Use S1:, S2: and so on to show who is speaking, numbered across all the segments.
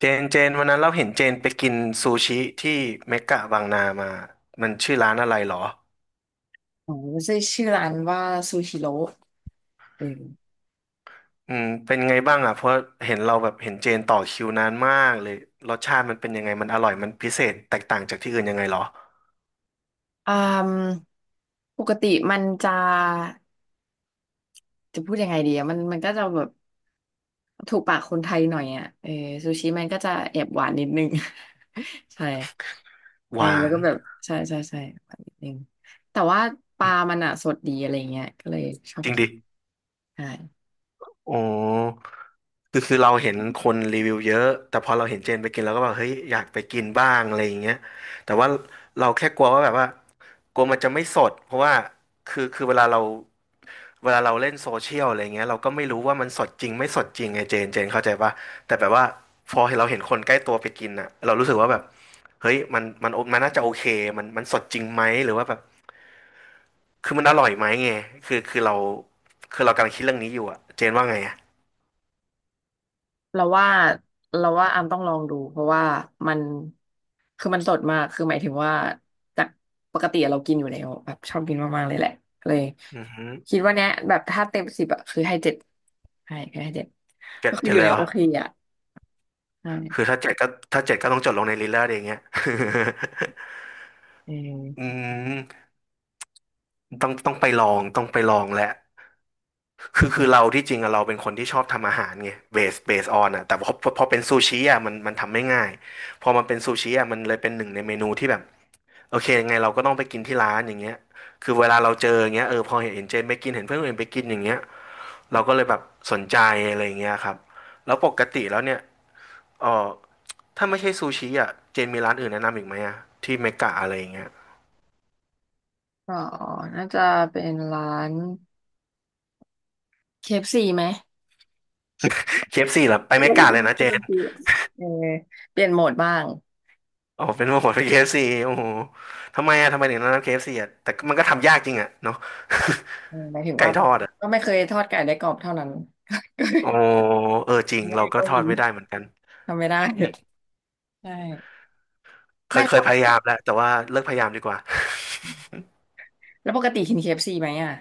S1: เจนเจนวันนั้นเราเห็นเจนไปกินซูชิที่เมกะบางนามามันชื่อร้านอะไรหรอ
S2: โอันใช่ชื่อร้านว่าซูชิโร่เออ
S1: เป็นไงบ้างอ่ะเพราะเห็นเราแบบเห็นเจนต่อคิวนานมากเลยรสชาติมันเป็นยังไงมันอร่อยมันพิเศษแตกต่างจากที่อื่นยังไงหรอ
S2: อืมปกติมันจะจะพูดยังไงดีอะมันก็จะแบบถูกปากคนไทยหน่อยอ่ะเออซูชิมันก็จะแอบหวานนิดนึง ใช่
S1: ห
S2: เออ
S1: วา
S2: แล้ว
S1: น
S2: ก็แบบใช่ใช่ใช่หวานนิดนึงแต่ว่าปลามันอ่ะสดดีอะไรเงี้ยก็เลยชอ
S1: จ
S2: บ
S1: ริง
S2: กิน
S1: ดิ
S2: ใช่
S1: โอ้คือเราเห็นคนรีวิวเยอะแต่พอเราเห็นเจนไปกินเราก็แบบเฮ้ยอยากไปกินบ้างอะไรอย่างเงี้ยแต่ว่าเราแค่กลัวว่าแบบว่ากลัวมันจะไม่สดเพราะว่าคือเวลาเรา เวลาเราเล่นโซเชียลอะไรเงี้ยเราก็ไม่รู้ว่ามันสดจริงไม่สดจริงไงเจนเจนเข้าใจปะแต่แบบว่าพอเราเห็นคนใกล้ตัวไปกินอ่ะเรารู้สึกว่าแบบเฮ้ยมันน่าจะโอเคมันสดจริงไหมหรือว่าแบบคือมันอร่อยไหมไงคือเราคือเรากำลังคิดเรื่องนี้อยู่อ่ะเจนว่าไงอ่ะ
S2: เราว่าเราว่าอามต้องลองดูเพราะว่ามันคือมันสดมากคือหมายถึงว่าจากปกติเรากินอยู่แล้วแบบชอบกินมากๆเลยแหละเลย
S1: อือหือ
S2: คิดว่าเนี้ยแบบถ้าเต็มสิบอะคือให้เจ็ดใช่คือให้เจ็ด
S1: เจ็
S2: ก็
S1: ด
S2: คือ
S1: เจ็
S2: อ
S1: ด
S2: ยู่
S1: เล
S2: ใน
S1: ยเหร
S2: โอ
S1: อ
S2: เคอะ
S1: คือ
S2: ใช่
S1: ถ้าเจ็ดก็ถ้าเจ็ดก็ต้องจดลงในลิลเลอร์เอย่างเงี้ย
S2: เ
S1: อื
S2: ออ
S1: มต้องไปลองต้องไปลองแหละ คือเราที่จริงอะเราเป็นคนที่ชอบทำอาหารไงเบสออนอะแต่พอเป็นซูชิอะมันทำไม่ง่ายพอมันเป็นซูชิอะมันเลยเป็นหนึ่งในเมนูที่แบบโอเคยังไงเราก็ต้องไปกินที่ร้านอย่างเงี้ยคือเวลาเราเจออย่างเงี้ยเออพอเห็นเจนไปกินเห็นเพื่อนคนอื่นไปกินอย่างเงี้ยเราก็เลยแบบสนใจอะไรอย่างเงี้ยครับแล้วปกติแล้วเนี่ยเออถ้าไม่ใช่ซูชิอะเจนมีร้านอื่นแนะนำอีกไหมอะที่เมกะอะไรอย่างเงี้ย
S2: ก็น่าจะเป็นร้าน KFC ไหม
S1: เคเอฟ f ีเหรอไป
S2: ไม่
S1: เม
S2: ใช่ไม่
S1: กะ
S2: ใช่
S1: เลย
S2: ไม่
S1: นะเจ
S2: ใช่เคเอฟ
S1: น
S2: ซีเออเปลี่ยนโหมดบ้าง
S1: อ๋อเป็นโหมด k f ่โอ้โหทำไมอะทำไมถึงต้องรัำ KFC อฟซีอะแต่มันก็ทำยากจริงอะ เนาะ
S2: เออหมายถึ ง
S1: ไก่
S2: ว่า
S1: ท
S2: แบ
S1: อ
S2: บ
S1: ดอะ
S2: ก็ไม่เคยทอดไก่ได้กรอบเท่านั้น
S1: โอ้เออจริง
S2: ไม่ได้
S1: เราก็
S2: ก็
S1: ทอ
S2: วิ
S1: ด
S2: น
S1: ไม่ได้เหมือนกัน
S2: ทำไม่ได้
S1: อืม
S2: ใช่
S1: เค
S2: ไม่
S1: ย
S2: แล้
S1: เค
S2: วป
S1: ยพ
S2: ก
S1: ยา
S2: ติ
S1: ยามแล้วแต่ว่าเลิกพยายามดีกว่า
S2: แล้วปกติกิน KFC ไหมอ่ะ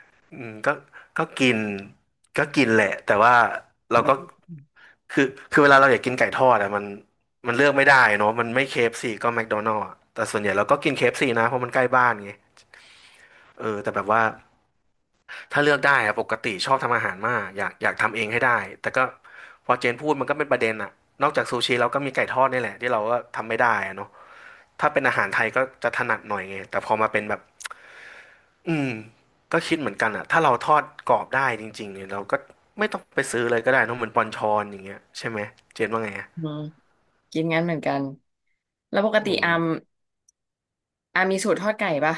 S1: อืมก็ก็กินก็กินแหละแต่ว่าเรา
S2: แล้ว
S1: ก็
S2: ก็
S1: คือคือเวลาเราอยากกินไก่ทอดอะมันเลือกไม่ได้เนาะมันไม่ KFC ก็แมคโดนัล s อะแต่ส่วนใหญ่เราก็กิน KFC นะเพราะมันใกล้บ้านไงเออแต่แบบว่า ถ้าเลือกได้อะปกติชอบทำอาหารมากอยากทำเองให้ได้แต่ก็พอเจนพูดมันก็เป็นประเด็นอะนอกจากซูชิเราก็มีไก่ทอดนี่แหละที่เราก็ทำไม่ได้อะเนาะถ้าเป็นอาหารไทยก็จะถนัดหน่อยไงแต่พอมาเป็นแบบอืมก็คิดเหมือนกันอะถ้าเราทอดกรอบได้จริงๆเนี่ยเราก็ไม่ต้องไปซื้อเลยก็ได้เนอะเหมือนปอนชอนอย่างเงี้ยใช่ไหมเจนว่าไงอะ
S2: อืมกินงั้นเหมือนกันแล้วปก
S1: โอ้
S2: ติอามอามมีสูตรทอดไก่ปะ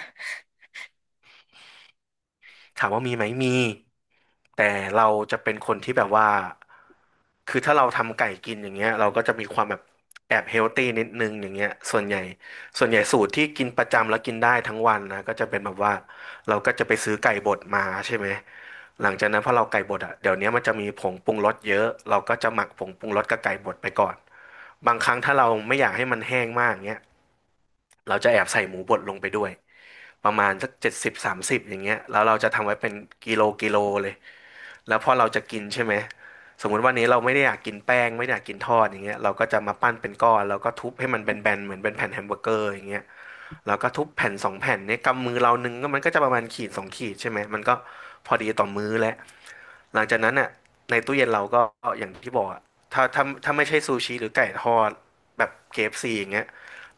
S1: ถามว่ามีไหมมีแต่เราจะเป็นคนที่แบบว่า คือถ้าเราทำไก่กินอย่างเงี้ยเราก็จะมีความแบบแอบเฮลตี้นิดนึงอย่างเงี้ยส่วนใหญ่ส่วนใหญ่สูตรที่กินประจำแล้วกินได้ทั้งวันนะก็จะเป็นแบบว่าเราก็จะไปซื้อไก่บดมาใช่ไหมหลังจากนั้นพอเราไก่บดอ่ะเดี๋ยวนี้มันจะมีผงปรุงรสเยอะเราก็จะหมักผงปรุงรสกับไก่บดไปก่อนบางครั้งถ้าเราไม่อยากให้มันแห้งมากเงี้ยเราจะแอบใส่หมูบดลงไปด้วยประมาณสัก70/30อย่างเงี้ยแล้วเราจะทำไว้เป็นกิโลกิโลเลย แล้วพอเราจะกินใช่ไหม สมมุติวันนี้เราไม่ได้อยากกินแป้งไม่ได้อยากกินทอดอย่างเงี้ยเราก็จะมาปั้นเป็นก้อนแล้วก็ทุบให้มันแบนๆเหมือนเป็นแผ่นแฮมเบอร์เกอร์อย่างเงี้ยแล้วก็ทุบแผ่นสองแผ่นเนี่ยกำมือเรานึงก็มันก็จะประมาณขีดสองขีดใช่ไหมมันก็พอดีต่อมื้อแล้วหลังจากนั้นอ่ะในตู้เย็นเราก็อย่างที่บอกอะถ้าไม่ใช่ซูชิหรือไก่ทอดแบบเคเอฟซีอย่างเงี้ย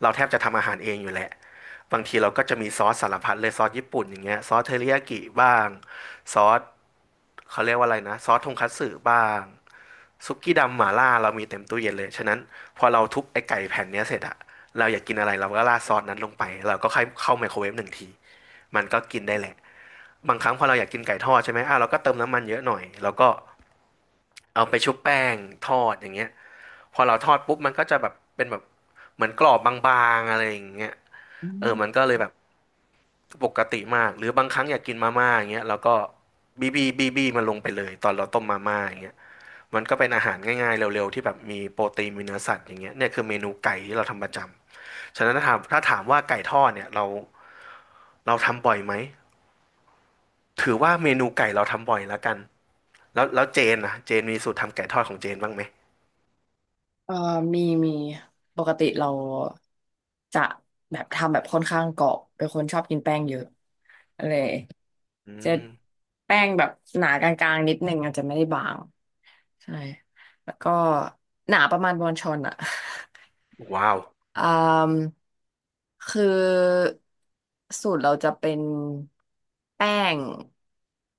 S1: เราแทบจะทำอาหารเองอยู่แหละบางทีเราก็จะมีซอสสารพัดเลยซอสญี่ปุ่นอย่างเงี้ยซอสเทริยากิบ้างซอส เขาเรียกว่าอะไรนะซอสทงคัตสึบ้างซุกกี้ดำหม่าล่าเรามีเต็มตู้เย็นเลยฉะนั้นพอเราทุบไอ้ไก่แผ่นเนี้ยเสร็จอะเราอยากกินอะไรเราก็ราดซอสนั้นลงไปเราก็ค่อยเข้าไมโครเวฟหนึ่งทีมันก็กินได้แหละบางครั้งพอเราอยากกินไก่ทอดใช่ไหมอ่ะเราก็เติมน้ำมันเยอะหน่อยแล้วก็เอาไปชุบแป้งทอดอย่างเงี้ยพอเราทอดปุ๊บมันก็จะแบบเป็นแบบเหมือนกรอบบางๆอะไรอย่างเงี้ย
S2: อื
S1: เออมัน
S2: ม
S1: ก็เลยแบบปกติมากหรือบางครั้งอยากกินมาม่าอย่างเงี้ยแล้วก็บีบีบีบีมันลงไปเลยตอนเราต้มมาม่าอย่างเงี้ย มันก็เป็นอาหารง่ายๆเร็วๆที่แบบมีโปรตีนมีเนื้อสัตว์อย่างเงี้ยเนี่ยคือเมนูไก่ที่เราทำประจำฉะนั้นถ้าถามว่าไก่ทอดเนี่ยเราทำบ่อยไหมถือว่าเมนูไก่เราทำบ่อยแล้วกันแล้วเจนนะเจนมีสูตรทำไก่ทอดของเจนบ้างไหม
S2: เออมีมีปกติเราจะแบบทำแบบค่อนข้างกรอบเป็นคนชอบกินแป้งเยอะอะไร
S1: อื
S2: จะ
S1: ม
S2: แป้งแบบหนากลางๆนิดนึงอาจจะไม่ได้บางใช่แล้วก็หนาประมาณบอนชอนอะ
S1: ว้าว
S2: อ่ามคือสูตรเราจะเป็นแป้ง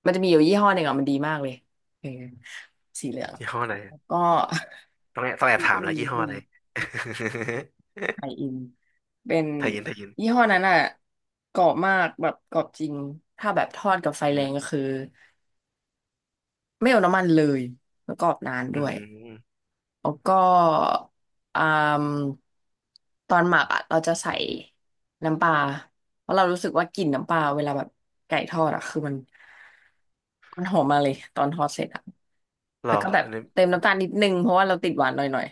S2: มันจะมีอยู่ยี่ห้อหนึ่งอ่ะมันดีมากเลยเออสีเหลือง
S1: ยี่ห้ออะไร
S2: แล้วก็
S1: ต้องแอบต้องแอบถามแล้วยี่ห้อ
S2: เป็
S1: อะ
S2: น
S1: ไร
S2: ไข่ อินเป็น
S1: ทายินทายิน
S2: ยี่ห้อนั้นอ่ะกรอบมากแบบกรอบจริงถ้าแบบทอดกับไฟ
S1: อื
S2: แรงก็
S1: ม
S2: คือไม่เอาน้ำมันเลยแล้วกรอบนาน
S1: อื
S2: ด้วย
S1: ม
S2: แล้วก็อ่ามตอนหมักอ่ะเราจะใส่น้ำปลาเพราะเรารู้สึกว่ากลิ่นน้ำปลาเวลาแบบไก่ทอดอ่ะคือมันหอมมาเลยตอนทอดเสร็จอ่ะ
S1: เหร
S2: แล้
S1: อ
S2: วก็แบบ
S1: อันนี้
S2: เติมน้ำตาลนิดนึงเพราะว่าเราติดหวานหน่อย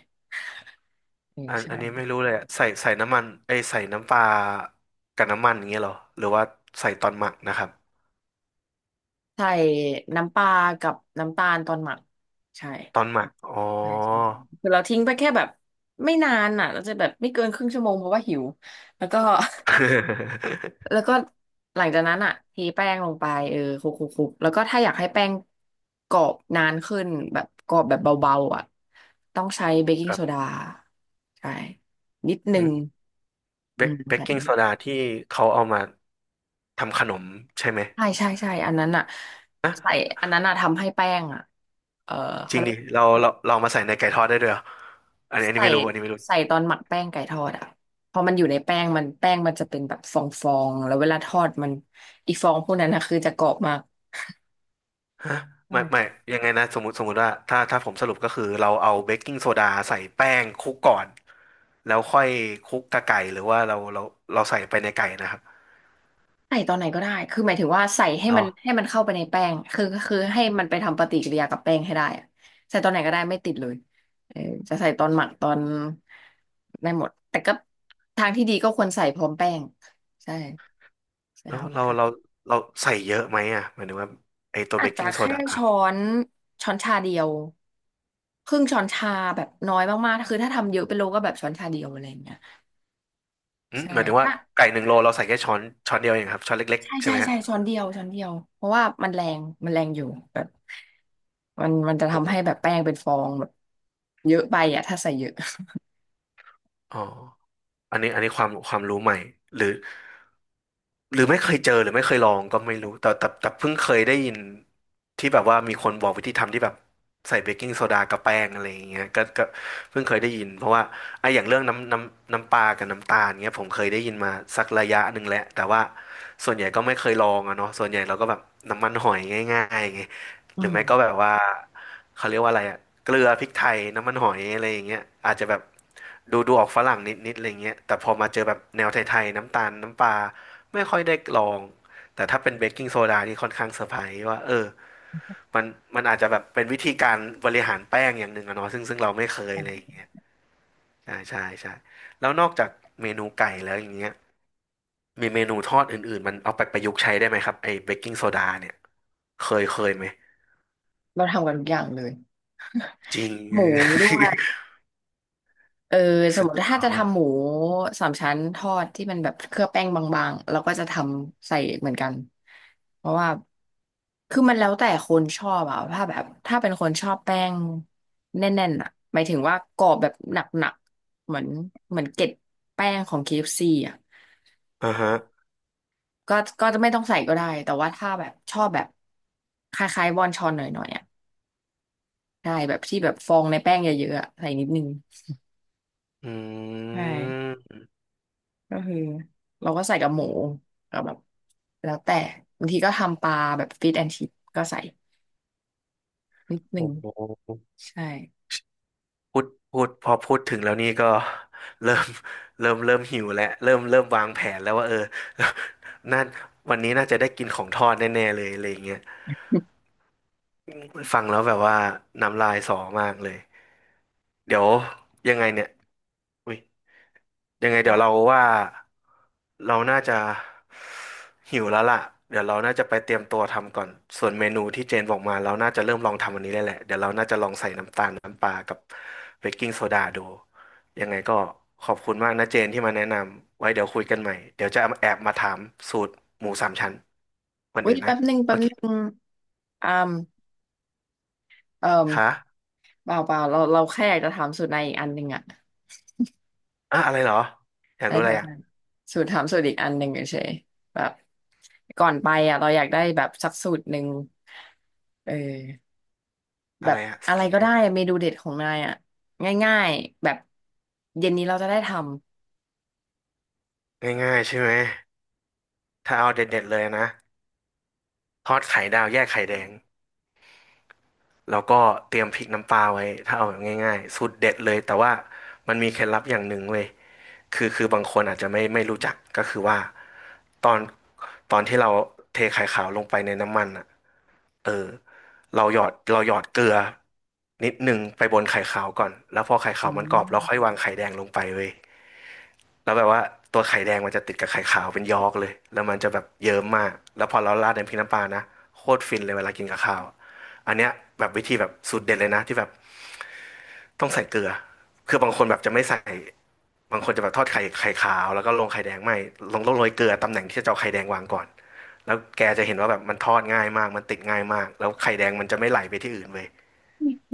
S2: อืม
S1: อัน
S2: ใช่
S1: อันนี้ไม่รู้เลยอะใส่น้ำมันไอยใส่น้ำปลากับน้ำมันอย่างเงี้ยเหรอหรือว่าใส่ตอนหมักนะครับ
S2: ใส่น้ำปลากับน้ำตาลตอนหมักใช่
S1: ตอนหมักอ๋อ
S2: ใช่ใช่ใช่คือเราทิ้งไปแค่แบบไม่นานอ่ะเราจะแบบไม่เกินครึ่งชั่วโมงเพราะว่าหิวแล้วก็ แล้วก็หลังจากนั้นอ่ะทีแป้งลงไปเออคลุกแล้วก็ถ้าอยากให้แป้งกรอบนานขึ้นแบบกรอบแบบเบาๆอ่ะต้องใช้เบกกิ้
S1: ค
S2: ง
S1: รั
S2: โซดา
S1: บ
S2: ใช่นิดนึ
S1: หื
S2: ง
S1: มเบ
S2: อื
S1: ก
S2: ม
S1: เบกกิ้งโซ
S2: ใส่
S1: ดาที่เขาเอามาทำขนมใช่ไหม
S2: ใช่ใช่ใช่อันนั้นอ่ะใส่อันนั้นอ่ะทำให้แป้งอ่ะเออ
S1: จ
S2: เขา
S1: ริง
S2: เรียก
S1: ดิ
S2: ว่าอะไร
S1: เรามาใส่ในไก่ทอดได้ด้วยเหรออันนี้อันนี้
S2: ใส่
S1: ไม่รู้อันนี้ไม่รู้
S2: ใส่ตอนหมักแป้งไก่ทอดอ่ะพอมันอยู่ในแป้งมันจะเป็นแบบฟองๆแล้วเวลาทอดมันอีฟองพวกนั้นนะคือจะกรอบมาก
S1: ฮะไม่ไม่ ยังไงนะสมมติว่าถ้าผมสรุปก็คือเราเอาเบกกิ้งโซดาใส่แป้งคลุกก่อน แล้วค่อยคลุกกับไก่หรือว่าเราใส่ไปในไก่นะครับ
S2: ใส่ตอนไหนก็ได้ คือหมายถึงว่าใส่ให้
S1: เรา
S2: มันเข้าไปในแป้งคือให้มันไปทำปฏิกิริยากับแป้งให้ได้อะใส่ตอนไหนก็ได้ไม่ติดเลยเออจะใส่ตอนหมักตอนได้หมดแต่ก็ทางที่ดีก็ควรใส่พร้อมแป้งใช่ใส่
S1: เรา
S2: พร้อม
S1: เรา
S2: กัน
S1: เราเราใส่เยอะไหมอ่ะหมายถึงว่าไอตัว
S2: อา
S1: เบ
S2: จ
S1: ก
S2: จะ
S1: กิ้งโซ
S2: แค่
S1: ดา
S2: นช้อนชาเดียวครึ่งช้อนชาแบบน้อยมากๆคือถ้าทำเยอะเป็นโลก็แบบช้อนชาเดียวอะไรอย่างเงี้ย
S1: อืม
S2: ใช่
S1: หมายถึงว่าไก่หนึ่งโลเราใส่แค่ช้อนเดียวเองครับช้อนเล็ก
S2: ใช่
S1: ๆใช่
S2: ใช่
S1: ไหมฮะ
S2: ใช่ช้อนเดียวช้อนเดียวเพราะว่ามันแรงอยู่แบบมันจะ
S1: โอ
S2: ทำให้
S1: ้
S2: แบบแป้งเป็นฟองแบบเยอะไปอ่ะถ้าใส่เยอะ
S1: อ๋ออันนี้ความรู้ใหม่หรือหรือไม่เคยเจอหรือไม่เคยลองก็ไม่รู้แต่เพิ่งเคยได้ยินที่แบบว่ามีคนบอกวิธีทำที่แบบใส่เบกกิ้งโซดากับแป้งอะไรอย่างเงี้ยก็เพิ่งเคยได้ยินเพราะว่าไอ้อย่างเรื่องน้ำปลากับน้ำตาลเงี้ยผมเคยได้ยินมาสักระยะหนึ่งแล้วแต่ว่าส่วนใหญ่ก็ไม่เคยลองอะเนาะส่วนใหญ่เราก็แบบน้ำมันหอยง่ายๆไง
S2: อื
S1: หรือไม่ก็
S2: ม
S1: แบบว่าเขาเรียกว่าอะไรอะเกลือพริกไทยน้ำมันหอยอะไรอย่างเงี้ยอาจจะแบบดูดูออกฝรั่งนิดนิดอะไรเงี้ยแต่พอมาเจอแบบแนวไทยๆน้ำตาลน้ำปลาไม่ค่อยได้ลองแต่ถ้าเป็นเบกกิ้งโซดานี่ค่อนข้างเซอร์ไพรส์ว่าเออมันมันอาจจะแบบเป็นวิธีการบริหารแป้งอย่างหนึ่งอะเนาะซึ่งเราไม่เคยอะไรอย่างเงี้ยใช่ใช่ใช่แล้วนอกจากเมนูไก่แล้วอย่างเงี้ยมีเมนูทอดอื่นๆมันเอาไปประยุกต์ใช้ได้ไหมครับไอ้เบกกิ้งโซดาเนี่ยเคยไหม
S2: เราทำกันทุกอย่างเลย
S1: จริง
S2: หมูด้วย เออสม
S1: สุ
S2: ม
S1: ด
S2: ติ
S1: ย
S2: ถ้า
S1: อ
S2: จะทำห
S1: ด
S2: มูสามชั้นทอดที่มันแบบเคลือบแป้งบางๆเราก็จะทำใส่เหมือนกันเพราะว่าคือมันแล้วแต่คนชอบอะถ้าแบบถ้าเป็นคนชอบแป้งแน่นๆอะหมายถึงว่ากรอบแบบหนักๆเหมือนเกล็ดแป้งของ KFC อฟซีอะ
S1: อ่าฮะ
S2: ก็ก็จะไม่ต้องใส่ก็ได้แต่ว่าถ้าแบบชอบแบบคล้ายๆวอนชอนหน่อยๆอะใช่แบบที่แบบฟองในแป้งเยอะๆอะใส่นิดนึง
S1: อื
S2: ใช่
S1: ม
S2: ก็คือเราก็ใส่กับหมูก็แบบแล้วแต่บางทีก็ทำปลาแบบฟิชแอนชิปก็ใส่นิดนึ
S1: โอ้
S2: ง
S1: โห
S2: ใช่
S1: พูดพูดพอพูดถึงแล้วนี่ก็เริ่ม เริ่มหิวแล้วเริ่มวางแผนแล้วว่าเออ นั่นวันนี้น่าจะได้กินของทอดแน่ๆเลยอะไรอย่างเงี้ยฟังแล้วแบบว่าน้ำลายสอมากเลยเดี๋ยวยังไงเนี่ย อุ้ยยังไงเดี๋ยวเราว่าเราน่าจะหิวแล้วล่ะเดี๋ยวเราน่าจะไปเตรียมตัวทำก่อนส่วนเมนูที่เจนบอกมาเราน่าจะเริ่มลองทำอันนี้ได้แหละเดี๋ยวเราน่าจะลองใส่น้ำตาลน้ำปลากับเบกกิ้งโซดาดูยังไงก็ขอบคุณมากนะเจนที่มาแนะนำไว้เดี๋ยวคุยกันใหม่เดี๋ยวจะแอบมาถามสูตรหมูสามชั้นวัน
S2: อุ้ย
S1: อื่นนะ
S2: แป๊บหนึงแป๊
S1: โอ
S2: บ
S1: เค
S2: หนึงอามเอ่ม
S1: ค่ะ
S2: เปล่าเปล่าเราแค่อยากจะถามสูตรในอีกอันหนึ่งอะ
S1: อ่ะอะไรเหรออยาก
S2: อะไร
S1: รู้อะ
S2: แบ
S1: ไร
S2: บ
S1: อ่ะ
S2: นั้นสูตรถามสูตรอีกอันหนึ่งเฉยๆแบบก่อนไปอะเราอยากได้แบบสักสูตรหนึ่งเออแบ
S1: อะไร
S2: บ
S1: อ่ะ
S2: อะไร
S1: สิ่ง
S2: ก็
S1: เนี้
S2: ได้
S1: ย
S2: เมนูเด็ดของนายอะง่ายๆแบบเย็นนี้เราจะได้ท
S1: ง่ายๆใช่ไหมถ้าเอาเด็ดๆเลยนะ ทอดไข่ดาวแยกไข่แดงแล้วก็เตรียมพริกน้ำปลาไว้ถ้าเอาแบบง่ายๆสูตรเด็ดเลยแต่ว่ามันมีเคล็ดลับอย่างหนึ่งเว้ยคือบางคนอาจจะไม่รู้จักก็คือว่าตอนตอนที่เราเทไข่ขาวลงไปในน้ำมันอ่ะเออเราหยอดเกลือนิดหนึ่งไปบนไข่ขาวก่อนแล้วพอไข่
S2: ำ
S1: ขา
S2: อ๋
S1: ว
S2: อ
S1: มันกรอบเราค่อยวางไข่แดงลงไปเว้ย แล้วแบบว่าตัวไข่แดงมันจะติดกับไข่ขาวเป็นยอกเลยแล้วมันจะแบบเยิ้มมากแล้วพอเราราดใน้ำพริกน้ำปลานะโคตรฟินเลยเวลากินกับข้าวอันเนี้ยแบบวิธีแบบสูตรเด็ดเลยนะที่แบบต้องใส่เกลือคือบางคนแบบจะไม่ใส่บางคนจะแบบทอดไข่ขาวแล้วก็ลงไข่แดงไม่ลงต้องโรยเกลือตำแหน่งที่จะเอาไข่แดงวางก่อนแล้วแกจะเห็นว่าแบบมันทอดง่ายมากมันติดง่ายมากแล้วไข่แดงมันจะไม่ไหลไปที่อื่นเว้ย
S2: ไ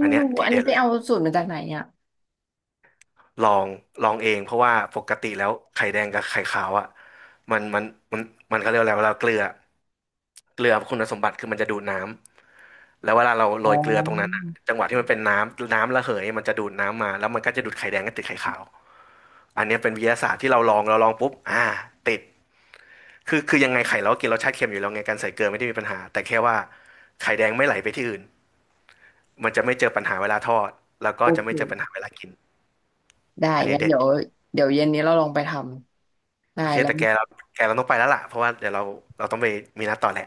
S1: อั
S2: ่
S1: นเนี้ย
S2: รู้
S1: ที
S2: อัน
S1: เด็
S2: นี้
S1: ด
S2: ไป
S1: เลย
S2: เอาสูตรมาจากไหนอ่ะ
S1: ลองลองเองเพราะว่าปกติแล้วไข่แดงกับไข่ขาวอ่ะมันมันมันมันเขาเรียกอะไรเวลาเกลือคุณสมบัติคือมันจะดูดน้ำแล้วเวลาเราโร
S2: อ๋อ
S1: ยเกลือตรงนั้นอะจังหวะที่มันเป็นน้ำระเหยมันจะดูดน้ำมาแล้วมันก็จะดูดไข่แดงกบติดไข่ขาวอันเนี้ยเป็นวิทยาศาสตร์ที่เราลองปุ๊บอ่าติดคือยังไงไข่เราก็กินรสชาติเค็มอยู่แล้วไงการใส่เกลือไม่ได้มีปัญหาแต่แค่ว่าไข่แดงไม่ไหลไปที่อื่นมันจะไม่เจอปัญหาเวลาทอดแล้วก็
S2: โอ
S1: จะ
S2: เค
S1: ไม่เจอปัญหาเวลากิน
S2: ได้
S1: อันนี้
S2: งั้น
S1: เด็ด
S2: เดี๋ยวเดี๋ยวเย็นนี้เราลองไปทำได้
S1: โอเค
S2: แล้ว
S1: แต่แกเราต้องไปแล้วล่ะเพราะว่าเดี๋ยวเราต้องไปมีนัดต่อแหละ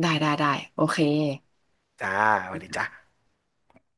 S2: ได้ได้ได้โอเค
S1: จ้าสวัสดีจ้า